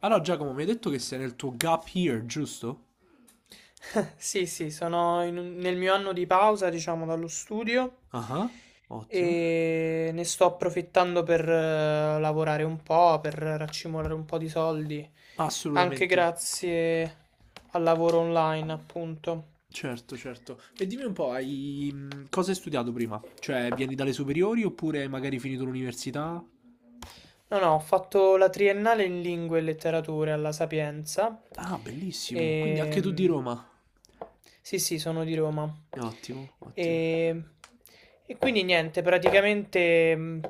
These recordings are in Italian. Allora, Giacomo, mi hai detto che sei nel tuo gap year, giusto? Sì, sì, sono nel mio anno di pausa, diciamo, dallo studio, Ah, ottimo. e ne sto approfittando per lavorare un po', per raccimolare un po' di soldi, anche Assolutamente. grazie al lavoro online, appunto. Certo, certo. E dimmi un po', hai... cosa hai studiato prima? Cioè, vieni dalle superiori oppure hai magari finito l'università? No, no, ho fatto la triennale in lingue e letterature alla Sapienza. Ah, bellissimo. Quindi anche tu di E... Roma. Sì, sì, sono di Roma. Ottimo, E, ottimo. e quindi niente, praticamente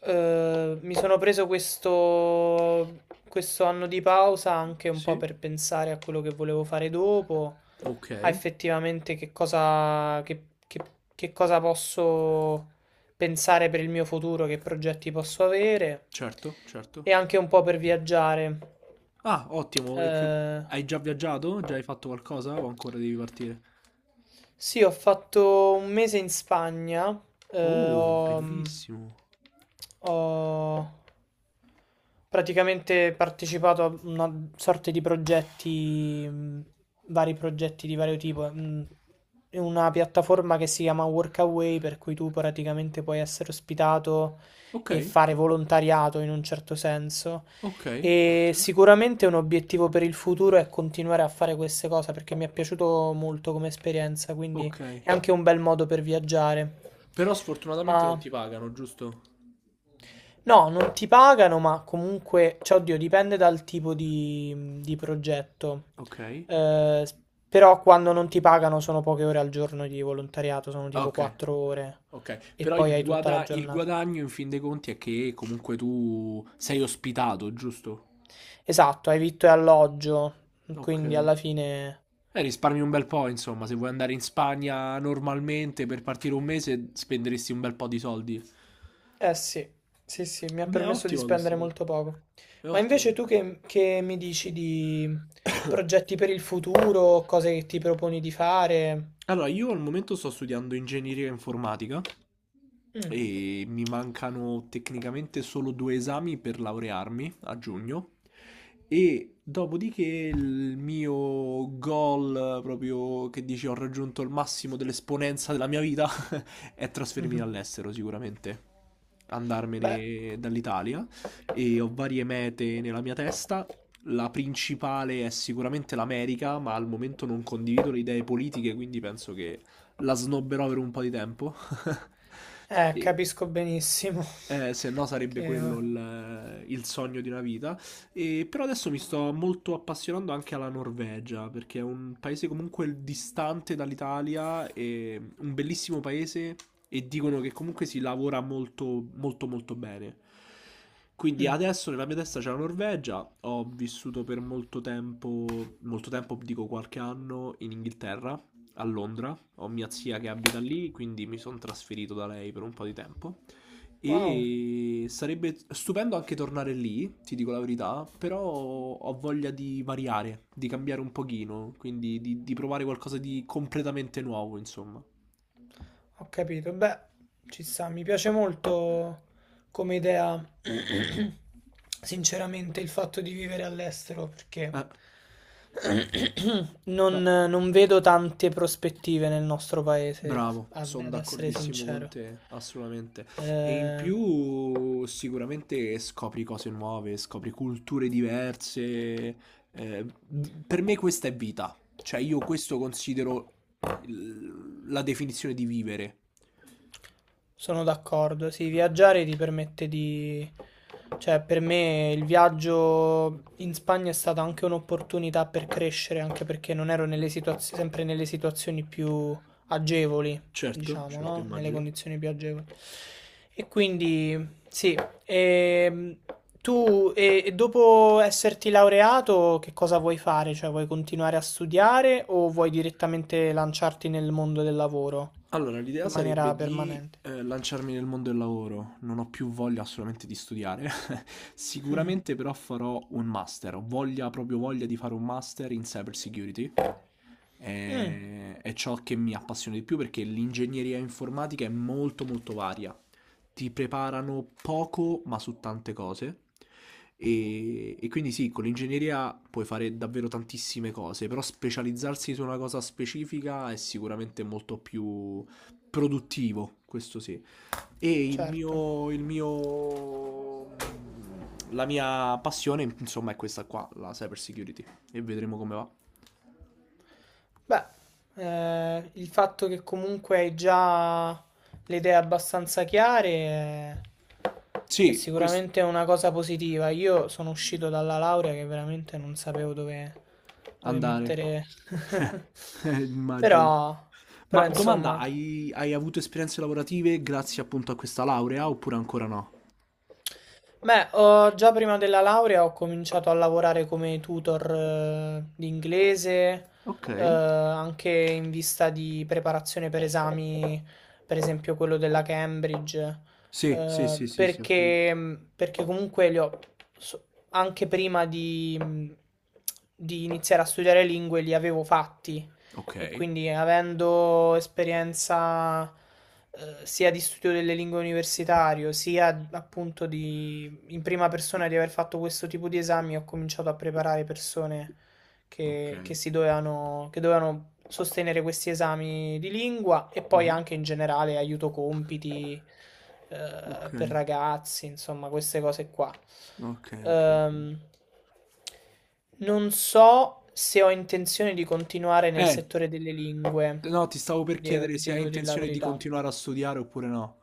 mi sono questo anno di pausa anche un po' Sì. per pensare a quello che volevo fare dopo, Ok. a effettivamente che cosa posso pensare per il mio futuro, che progetti posso avere Certo, e certo. anche un po' per viaggiare. Ah, ottimo. Eh, Hai già viaggiato? Già hai fatto qualcosa o ancora devi partire? sì, ho fatto un mese in Spagna, eh, Oh, ho, mh, bellissimo. ho praticamente partecipato a una sorta di vari progetti di vario tipo, in una piattaforma che si chiama Workaway, per cui tu praticamente puoi essere ospitato Ok, e fare volontariato in un certo senso. ok, E ottimo. sicuramente un obiettivo per il futuro è continuare a fare queste cose perché mi è piaciuto molto come esperienza, quindi Ok. è anche un bel modo per viaggiare. Però sfortunatamente non Ma ti pagano, giusto? no, non ti pagano, ma comunque, cioè, oddio, dipende dal di progetto. Ok. Eh, s- Però quando non ti pagano sono poche ore al giorno di volontariato, sono tipo Ok, 4 ore ok. e Però poi hai tutta la il giornata. guadagno in fin dei conti è che comunque tu sei ospitato, giusto? Esatto, hai vitto e alloggio, Ok. quindi alla fine. Risparmi un bel po', insomma, se vuoi andare in Spagna normalmente per partire un mese spenderesti un bel po' di soldi. Eh sì, sì, sì, mi ha Beh, è permesso di ottima questa spendere cosa. molto poco. È Ma ottima invece tu questa che mi dici di cosa. progetti per il futuro, cose che ti proponi di fare? Allora, io al momento sto studiando ingegneria informatica Mm, e mi mancano tecnicamente solo 2 esami per laurearmi a giugno, e dopodiché il mio goal, proprio che dici ho raggiunto il massimo dell'esponenza della mia vita, è trasferirmi mhm. all'estero sicuramente, Beh, andarmene dall'Italia e ho varie mete nella mia testa, la principale è sicuramente l'America, ma al momento non condivido le idee politiche, quindi penso che la snobberò per un po' di tempo. E- capisco benissimo se no sarebbe che... quello oh, il sogno di una vita. E però adesso mi sto molto appassionando anche alla Norvegia, perché è un paese comunque distante dall'Italia, e un bellissimo paese e dicono che comunque si lavora molto molto molto bene. Quindi mm. adesso nella mia testa c'è la Norvegia, ho vissuto per molto tempo dico qualche anno in Inghilterra, a Londra, ho mia zia che abita lì, quindi mi sono trasferito da lei per un po' di tempo. Wow. E sarebbe stupendo anche tornare lì, ti dico la verità, però ho voglia di variare, di cambiare un pochino, quindi di provare qualcosa di completamente nuovo, insomma. Ho capito, beh, ci sta, mi piace molto come idea, sinceramente, il fatto di vivere all'estero perché Eh, non, no, non vedo tante prospettive nel nostro paese, bravo, ad sono ad essere d'accordissimo con sincero. te, assolutamente. E in Eh. più sicuramente scopri cose nuove, scopri culture diverse. Eh, per me questa è vita, cioè io questo considero la definizione di vivere. Sono d'accordo, sì, viaggiare ti permette di... Cioè, per me il viaggio in Spagna è stata anche un'opportunità per crescere, anche perché non ero nelle situazio- sempre nelle situazioni più agevoli, Certo, diciamo, certo, no? Nelle immagino. condizioni più agevoli. E quindi, sì, ehm, tu e dopo esserti laureato, che cosa vuoi fare? Cioè, vuoi continuare a studiare o vuoi direttamente lanciarti nel mondo del lavoro Allora, l'idea in maniera sarebbe di permanente? Lanciarmi nel mondo del lavoro. Non ho più voglia assolutamente di studiare. Mh. Sicuramente però farò un master. Ho voglia, proprio voglia di fare un master in cyber security. Mh. È ciò che mi appassiona di più perché l'ingegneria informatica è molto molto varia. Ti preparano poco ma su tante cose e quindi sì, con l'ingegneria puoi fare davvero tantissime cose, però specializzarsi su una cosa specifica è sicuramente molto più produttivo, questo sì. E Certo. La mia passione, insomma, è questa qua, la cyber security. E vedremo come va. Beh, il fatto che comunque hai già le idee abbastanza chiare è Sì, questo. sicuramente una cosa positiva. Io sono uscito dalla laurea che veramente non sapevo dove Andare. mettere. Immagino. Però, però Ma domanda, insomma. Hai avuto esperienze lavorative grazie appunto a questa laurea oppure ancora no? Già prima della laurea ho cominciato a lavorare come tutor di inglese, Ok. Anche in vista di preparazione per esami, per esempio quello della Cambridge, Sì, sì, eh, sì, sì, sì, ho capito. perché, perché comunque so- anche prima di iniziare a studiare lingue li avevo fatti, Ok, e quindi avendo esperienza sia di studio delle lingue universitario, sia appunto in prima persona di aver fatto questo tipo di esami, ho cominciato a preparare persone ok. Che dovevano sostenere questi esami di lingua e poi Mhm. anche in generale aiuto compiti Ok, per ragazzi, insomma, queste cose qua. ok, ok. Ok. Ehm, non so se ho intenzione di continuare nel Eh, settore delle lingue, no, ti stavo per chiedere se ti hai devo dire la intenzione di verità, continuare a studiare oppure no.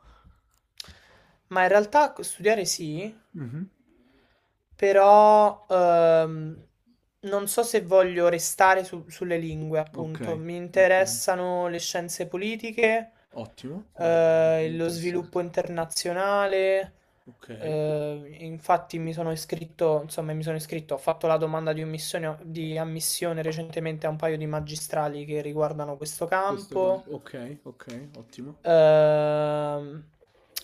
ma in realtà studiare sì. Mhm. Però non so se voglio sulle lingue, Ok, appunto. Mi ok. interessano le scienze politiche, Ottimo, bello, bello, lo sviluppo interessante. internazionale. Ok, Infatti mi sono iscritto, ho fatto la domanda di ammissione recentemente a un paio di magistrali che riguardano questo questo qua. campo. Ok, ok, ottimo. Ehm,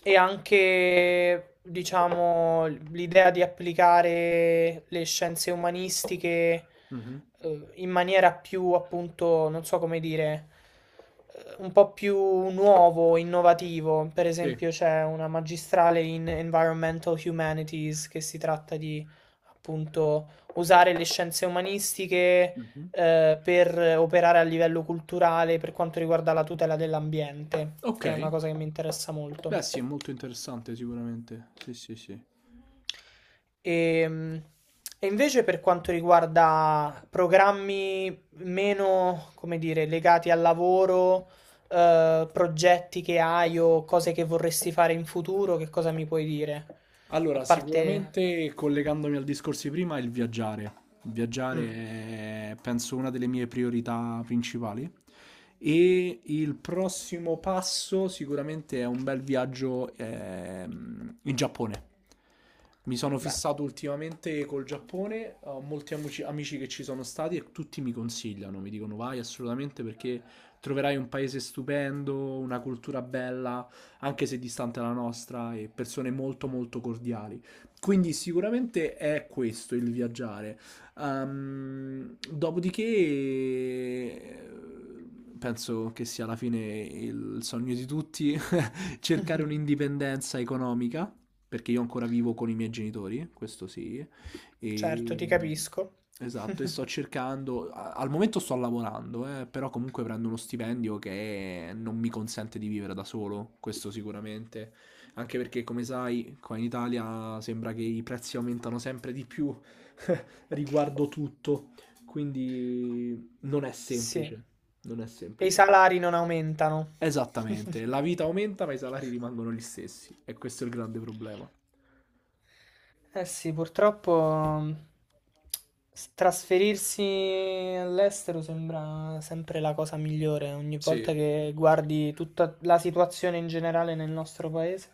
e anche, diciamo, l'idea di applicare le scienze umanistiche Mhm. In maniera più, appunto, non so come dire, un po' più nuovo, innovativo. Per Sì. esempio, c'è una magistrale in Environmental Humanities che si tratta di, appunto, usare le scienze umanistiche Mh-mh. Per operare a livello culturale per quanto riguarda la tutela dell'ambiente, che è una Okay. cosa che mi interessa Beh sì, è molto. molto interessante sicuramente. Sì, sì, sì. E, e invece per quanto riguarda programmi meno, come dire, legati al lavoro, progetti che hai o cose che vorresti fare in futuro, che cosa mi puoi dire? A Allora, parte... sicuramente collegandomi al discorso di prima, il viaggiare. Il viaggiare Mm, è, penso, una delle mie priorità principali. E il prossimo passo sicuramente è un bel viaggio in Giappone. Mi sono beh, fissato ultimamente col Giappone, ho molti amici, amici che ci sono stati e tutti mi consigliano, mi dicono vai assolutamente perché troverai un paese stupendo, una cultura bella, anche se distante la nostra, e persone molto molto cordiali. Quindi sicuramente è questo il viaggiare. Dopodiché penso che sia alla fine il sogno di tutti cercare un'indipendenza economica, perché io ancora vivo con i miei genitori, questo sì. certo, E, ti capisco. esatto, e sto cercando, al momento sto lavorando, però comunque prendo uno stipendio che non mi consente di vivere da solo, questo sicuramente. Anche perché, come sai, qua in Italia sembra che i prezzi aumentano sempre di più riguardo tutto, quindi non è Sì. semplice, non è E i semplice. salari non aumentano. Esattamente, la vita aumenta ma i salari rimangono gli stessi e questo è il grande problema. Eh sì, purtroppo mm, trasferirsi all'estero sembra sempre la cosa migliore. Ogni Sì. volta che guardi tutta la situazione in generale nel nostro paese.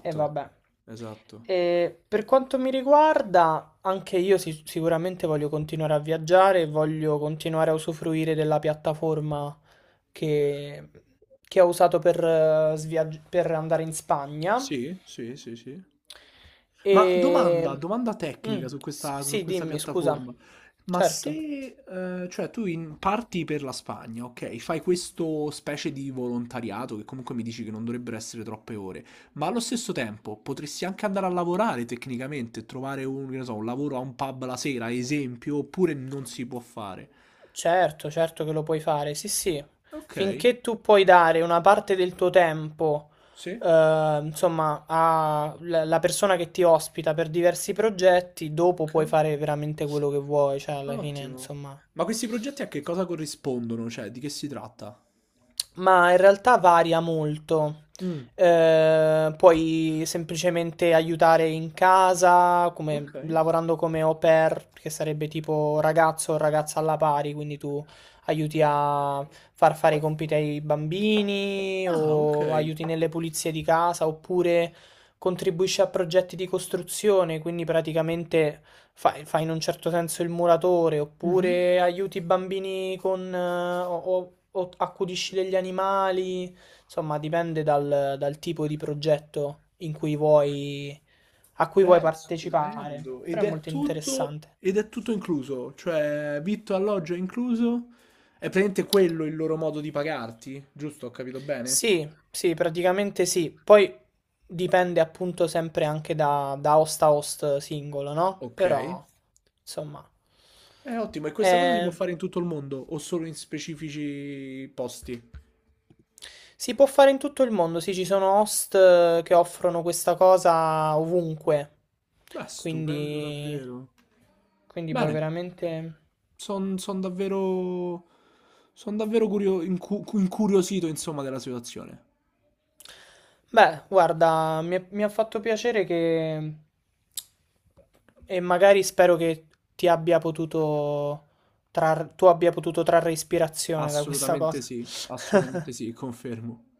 E vabbè. esatto. E per quanto mi riguarda, anche io sicuramente voglio continuare a viaggiare, e voglio continuare a usufruire della piattaforma che, che ho usato per per andare in Spagna. Sì, sì, sì, sì. Ma domanda, E... domanda mm, tecnica su sì, questa dimmi, scusa. piattaforma. Ma Certo, se, cioè, tu parti per la Spagna, ok? Fai questo specie di volontariato che comunque mi dici che non dovrebbero essere troppe ore, ma allo stesso tempo potresti anche andare a lavorare tecnicamente, trovare un, che ne so, un lavoro a un pub la sera, ad esempio, oppure non si può fare. certo che lo puoi fare. Sì, sì. Ok, Finché tu puoi dare una parte del tuo tempo, sì, insomma, alla persona che ti ospita per diversi progetti, dopo ok. puoi fare veramente quello che vuoi. Cioè, alla fine, Ottimo. insomma. Ma questi progetti a che cosa corrispondono? Cioè, di che si tratta? Ma in realtà varia molto. Mm, Puoi semplicemente aiutare in casa, come, ok. lavorando come au pair, che sarebbe tipo ragazzo o ragazza alla pari, quindi tu aiuti a far fare i compiti ai bambini Ah, ok. o aiuti nelle pulizie di casa, oppure contribuisci a progetti di costruzione, quindi praticamente fai in un certo senso il muratore, Mhm. oppure aiuti i bambini con, o accudisci degli animali, insomma, dipende dal tipo di progetto a cui vuoi Beh, partecipare. stupendo. Però è molto interessante. Ed è tutto incluso, cioè vitto, alloggio è incluso. È praticamente quello il loro modo di pagarti, giusto? Ho capito bene? Sì, sì, praticamente sì. Poi dipende appunto sempre anche da host a host singolo, no? Ok. Però, insomma, È ottimo, e questa cosa si può è. fare in tutto il mondo o solo in specifici posti? Si può fare in tutto il mondo, sì, ci sono host che offrono questa cosa ovunque, Beh, stupendo quindi, davvero. quindi puoi Bene. veramente... Sono davvero, son davvero curio- incu- incuriosito, insomma, della situazione. Beh, guarda, mi ha fatto piacere che... e magari spero che ti abbia potuto... tu abbia potuto trarre ispirazione da questa cosa. Assolutamente sì, confermo.